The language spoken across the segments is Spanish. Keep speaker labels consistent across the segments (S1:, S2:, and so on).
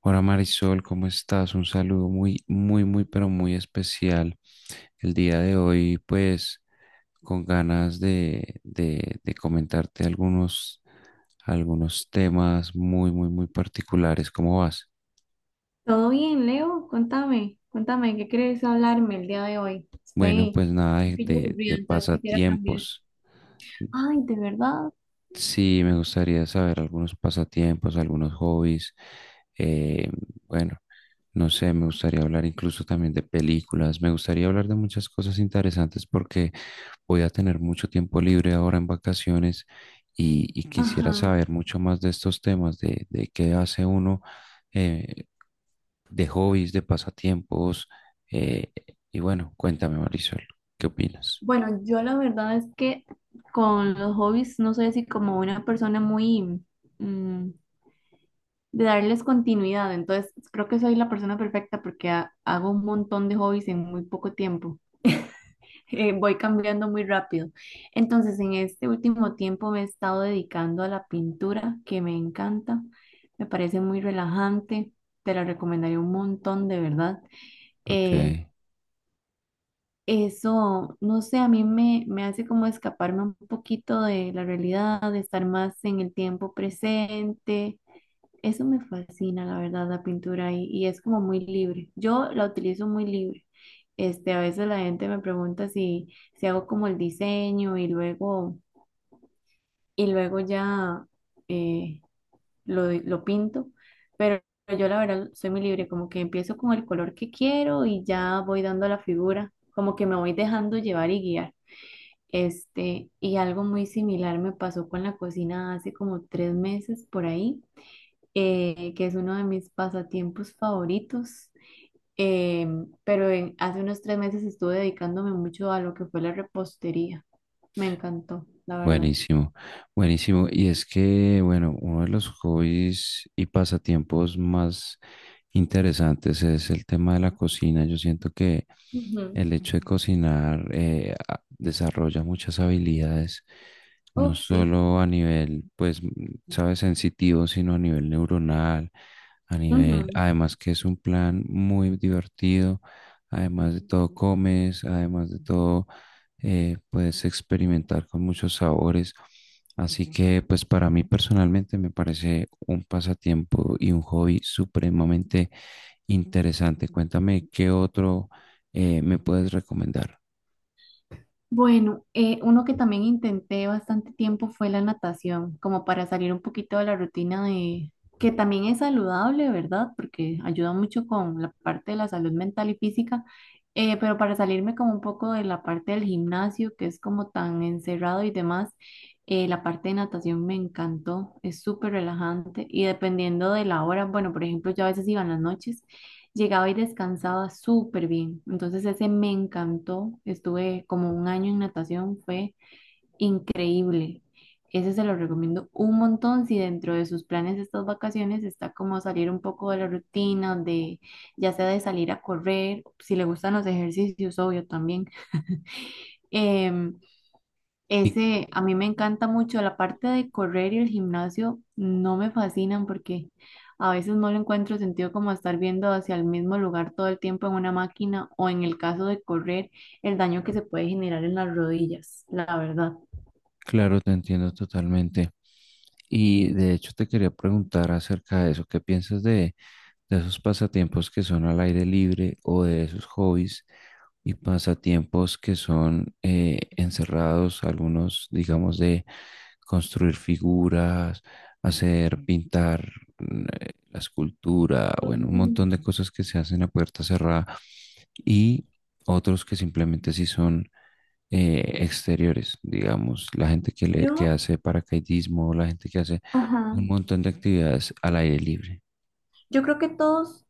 S1: Hola, Marisol, ¿cómo estás? Un saludo muy, muy, muy, pero muy especial. El día de hoy, pues, con ganas de comentarte algunos temas muy, muy, muy particulares. ¿Cómo vas?
S2: Todo bien, Leo, contame, contame, ¿qué querés hablarme el día de hoy?
S1: Bueno,
S2: Estoy
S1: pues nada
S2: un
S1: de,
S2: poquillo
S1: de,
S2: aburrida,
S1: de
S2: entonces quisiera cambiar.
S1: pasatiempos.
S2: Ay, ¿de verdad?
S1: Sí, me gustaría saber algunos pasatiempos, algunos hobbies. Eh, bueno, no sé, me gustaría hablar incluso también de películas. Me gustaría hablar de muchas cosas interesantes porque voy a tener mucho tiempo libre ahora en vacaciones y quisiera
S2: Ajá.
S1: saber mucho más de estos temas, de qué hace uno, eh, de hobbies, de pasatiempos. eh, y bueno, cuéntame, Marisol, ¿qué opinas?
S2: Bueno, yo la verdad es que con los hobbies no soy así como una persona muy, mm, de darles continuidad. Entonces, creo que soy la persona perfecta porque hago un montón de hobbies en muy poco tiempo. Voy cambiando muy rápido. Entonces, en este último tiempo me he estado dedicando a la pintura, que me encanta. Me parece muy relajante. Te la recomendaría un montón, de verdad.
S1: Ok,
S2: Eh, Eso, no sé, a mí me hace como escaparme un poquito de la realidad, de estar más en el tiempo presente. Eso me fascina, la verdad, la pintura, y es como muy libre. Yo la utilizo muy libre. Este, a veces la gente me pregunta si, si hago como el diseño y luego ya eh, lo pinto, pero yo la verdad soy muy libre, como que empiezo con el color que quiero y ya voy dando la figura, como que me voy dejando llevar y guiar. Este, y algo muy similar me pasó con la cocina hace como 3 meses por ahí, que es uno de mis pasatiempos favoritos. eh, pero hace unos 3 meses estuve dedicándome mucho a lo que fue la repostería. Me encantó, la verdad.
S1: buenísimo, buenísimo. Y es que, bueno, uno de los hobbies y pasatiempos más interesantes es el tema de la cocina. Yo siento que
S2: Ujú.
S1: el hecho de cocinar desarrolla muchas habilidades no
S2: Uf, sí.
S1: solo a nivel, pues, sabes, sensitivo, sino a nivel neuronal, a nivel, además que es un plan muy divertido, además de todo comes, además de todo puedes experimentar con muchos sabores. Así que, pues, para mí personalmente me parece un pasatiempo y un hobby supremamente interesante. Cuéntame, ¿qué otro me puedes recomendar?
S2: Bueno, uno que también intenté bastante tiempo fue la natación, como para salir un poquito de la rutina de, que también es saludable, ¿verdad? Porque ayuda mucho con la parte de la salud mental y física, pero para salirme como un poco de la parte del gimnasio, que es como tan encerrado y demás, la parte de natación me encantó, es súper relajante, y dependiendo de la hora, bueno, por ejemplo, yo a veces iba en las noches. Llegaba y descansaba súper bien. Entonces ese me encantó. Estuve como un año en natación, fue increíble. Ese se lo recomiendo un montón si dentro de sus planes de estas vacaciones está como salir un poco de la rutina, de ya sea de salir a correr, si le gustan los ejercicios, obvio también. Em,
S1: Y
S2: Ese, a mí me encanta mucho la parte de correr, y el gimnasio, no me fascinan porque a veces no le encuentro sentido como estar viendo hacia el mismo lugar todo el tiempo en una máquina, o en el caso de correr, el daño que se puede generar en las rodillas, la verdad.
S1: claro, te entiendo totalmente. Y de hecho te quería preguntar acerca de eso, ¿qué piensas de esos pasatiempos que son al aire libre o de esos hobbies y pasatiempos que son encerrados, algunos digamos de construir figuras, hacer pintar la escultura, bueno, un
S2: Ujú.
S1: montón de cosas que se hacen a puerta cerrada? Y otros que simplemente sí son exteriores, digamos, la gente que, le, que
S2: Yo,
S1: hace paracaidismo, la gente que hace
S2: ajá,
S1: un montón de actividades al aire libre.
S2: yo creo que todos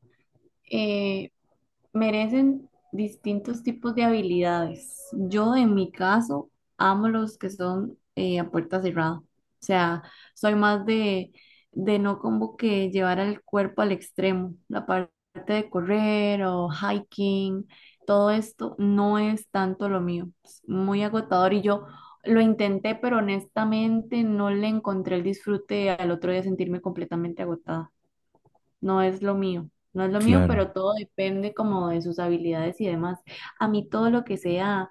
S2: merecen distintos tipos de habilidades. Yo, en mi caso, amo los que son a puerta cerrada. O sea, soy más de no como que llevar el cuerpo al extremo. La parte de correr o hiking, todo esto no es tanto lo mío. Es muy agotador y yo lo intenté, pero honestamente no le encontré el disfrute al otro día sentirme completamente agotada. No es lo mío, no es lo mío, pero
S1: Claro,
S2: todo depende como de sus habilidades y demás. A mí todo lo que sea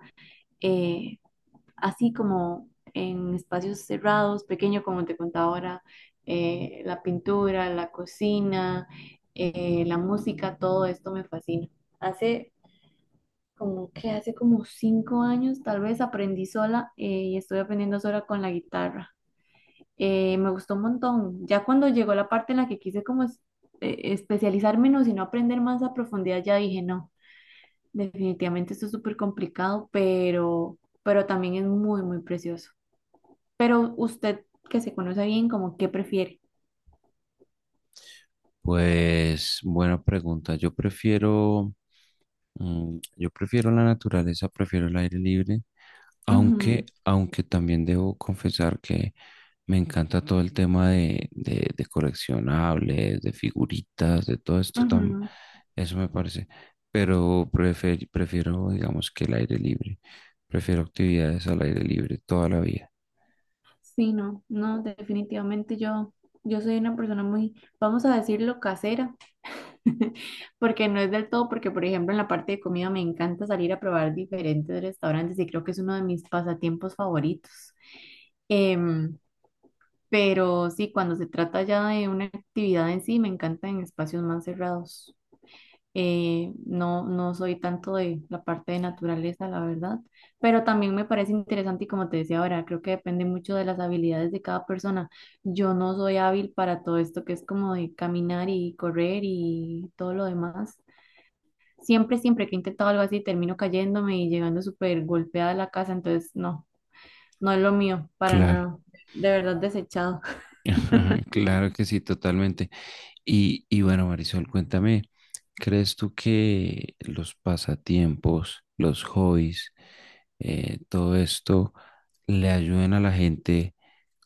S2: eh, así como en espacios cerrados, pequeño, como te contaba ahora, la pintura, la cocina, la música, todo esto me fascina. Hace como que hace como 5 años tal vez aprendí sola, y estoy aprendiendo sola con la guitarra. Me gustó un montón. Ya cuando llegó la parte en la que quise como especializarme, no, sino aprender más a profundidad, ya dije, no, definitivamente esto es súper complicado, pero también es muy, muy precioso. Pero usted que se conoce bien, como qué prefiere.
S1: pues buena pregunta. Yo prefiero, yo prefiero la naturaleza, prefiero el aire libre. Aunque, aunque también debo confesar que me encanta todo el tema de coleccionables, de figuritas, de todo esto,
S2: Ujú, ujú.
S1: eso me parece. Pero prefiero, digamos, que el aire libre. Prefiero actividades al aire libre toda la vida.
S2: Sí, no, no, definitivamente yo, yo soy una persona muy, vamos a decirlo, casera. Porque no es del todo, porque por ejemplo en la parte de comida me encanta salir a probar diferentes restaurantes, y creo que es uno de mis pasatiempos favoritos. Em, pero sí, cuando se trata ya de una actividad en sí, me encanta en espacios más cerrados. No, no soy tanto de la parte de naturaleza, la verdad, pero también me parece interesante, y como te decía ahora, creo que depende mucho de las habilidades de cada persona. Yo no soy hábil para todo esto que es como de caminar y correr y todo lo demás. Siempre, siempre que he intentado algo así, termino cayéndome y llegando súper golpeada a la casa, entonces no, no es lo mío, para
S1: Claro,
S2: nada. De verdad desechado.
S1: claro que sí, totalmente. Y bueno, Marisol, cuéntame, ¿crees tú que los pasatiempos, los hobbies, todo esto le ayuden a la gente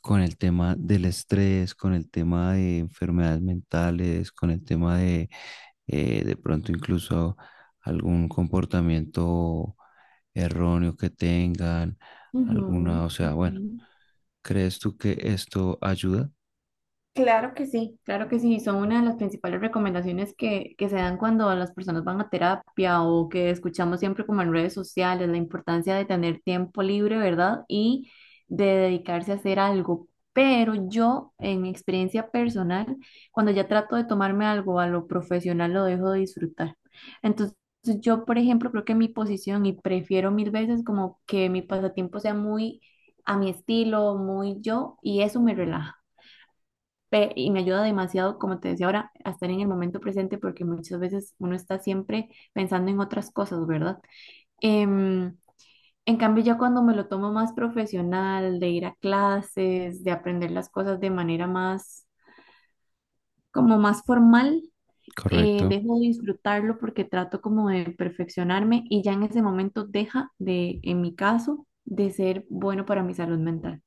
S1: con el tema del estrés, con el tema de enfermedades mentales, con el tema de pronto incluso algún comportamiento erróneo que tengan,
S2: Ujú,
S1: alguna, o sea,
S2: ujú.
S1: bueno, ¿crees tú que esto ayuda?
S2: Claro que sí, claro que sí. Son una de las principales recomendaciones que se dan cuando las personas van a terapia, o que escuchamos siempre como en redes sociales, la importancia de tener tiempo libre, ¿verdad? Y de dedicarse a hacer algo. Pero yo, en mi experiencia personal, cuando ya trato de tomarme algo a lo profesional, lo dejo de disfrutar. Entonces, yo, por ejemplo, creo que mi posición, y prefiero mil veces como que mi pasatiempo sea muy a mi estilo, muy yo, y eso me relaja. Y me ayuda demasiado, como te decía ahora, a estar en el momento presente, porque muchas veces uno está siempre pensando en otras cosas, ¿verdad? Em, en cambio, ya cuando me lo tomo más profesional, de ir a clases, de aprender las cosas de manera más, como más formal,
S1: Correcto.
S2: dejo de disfrutarlo porque trato como de perfeccionarme, y ya en ese momento deja de, en mi caso, de ser bueno para mi salud mental.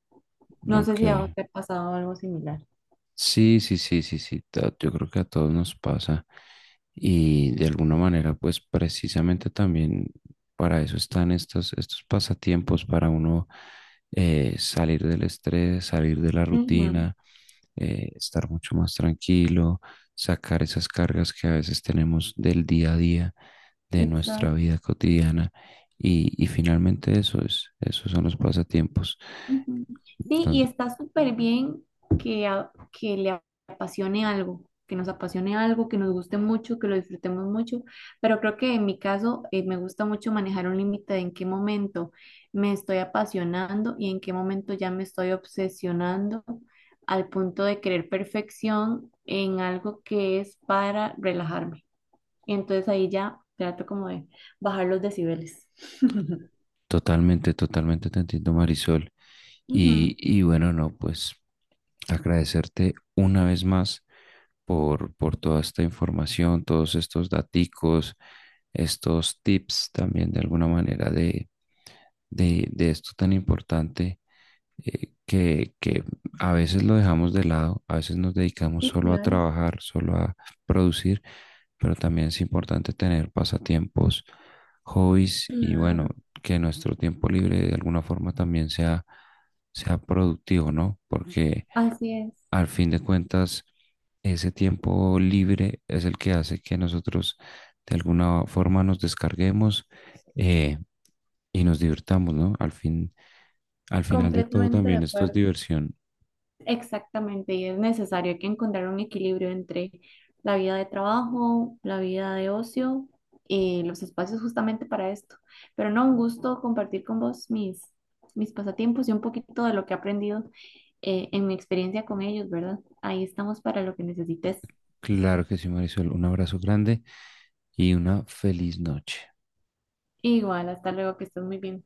S2: No sé
S1: Ok.
S2: si a vos te ha pasado algo similar.
S1: Sí, sí, sí, sí, sí, yo creo que a todos nos pasa y de alguna manera pues precisamente también para eso están estos pasatiempos, para uno salir del estrés, salir de la
S2: Ujú.
S1: rutina, estar mucho más tranquilo, sacar esas cargas que a veces tenemos del día a día, de nuestra
S2: Exacto.
S1: vida cotidiana y finalmente eso es, esos son los pasatiempos.
S2: Ujú. Sí, y está súper bien que le apasione algo, que nos apasione algo, que nos guste mucho, que lo disfrutemos mucho, pero creo que en mi caso me gusta mucho manejar un límite de en qué momento me estoy apasionando y en qué momento ya me estoy obsesionando al punto de querer perfección en algo que es para relajarme. Y entonces ahí ya trato como de bajar los decibeles.
S1: Totalmente, totalmente te entiendo, Marisol. Y,
S2: Ujú.
S1: y bueno, no, pues agradecerte una vez más por toda esta información, todos estos daticos, estos tips también de alguna manera de esto tan importante que a veces lo dejamos de lado, a veces nos dedicamos
S2: Sí,
S1: solo a
S2: claro,
S1: trabajar, solo a producir, pero también es importante tener pasatiempos, hobbies y bueno,
S2: claro.
S1: que nuestro tiempo libre de alguna forma también sea, sea productivo, ¿no? Porque
S2: Así es,
S1: al fin de cuentas, ese tiempo libre es el que hace que nosotros de alguna forma nos descarguemos eh, y nos divirtamos, ¿no? Al fin, al final de todo
S2: completamente de
S1: también esto es
S2: acuerdo.
S1: diversión.
S2: Exactamente, y es necesario que encontrar un equilibrio entre la vida de trabajo, la vida de ocio, y los espacios justamente para esto. Pero no, un gusto compartir con vos mis, mis pasatiempos y un poquito de lo que he aprendido, en mi experiencia con ellos, ¿verdad? Ahí estamos para lo que necesites.
S1: Claro que sí, Marisol. Un abrazo grande y una feliz noche.
S2: Igual, hasta luego, que estés muy bien.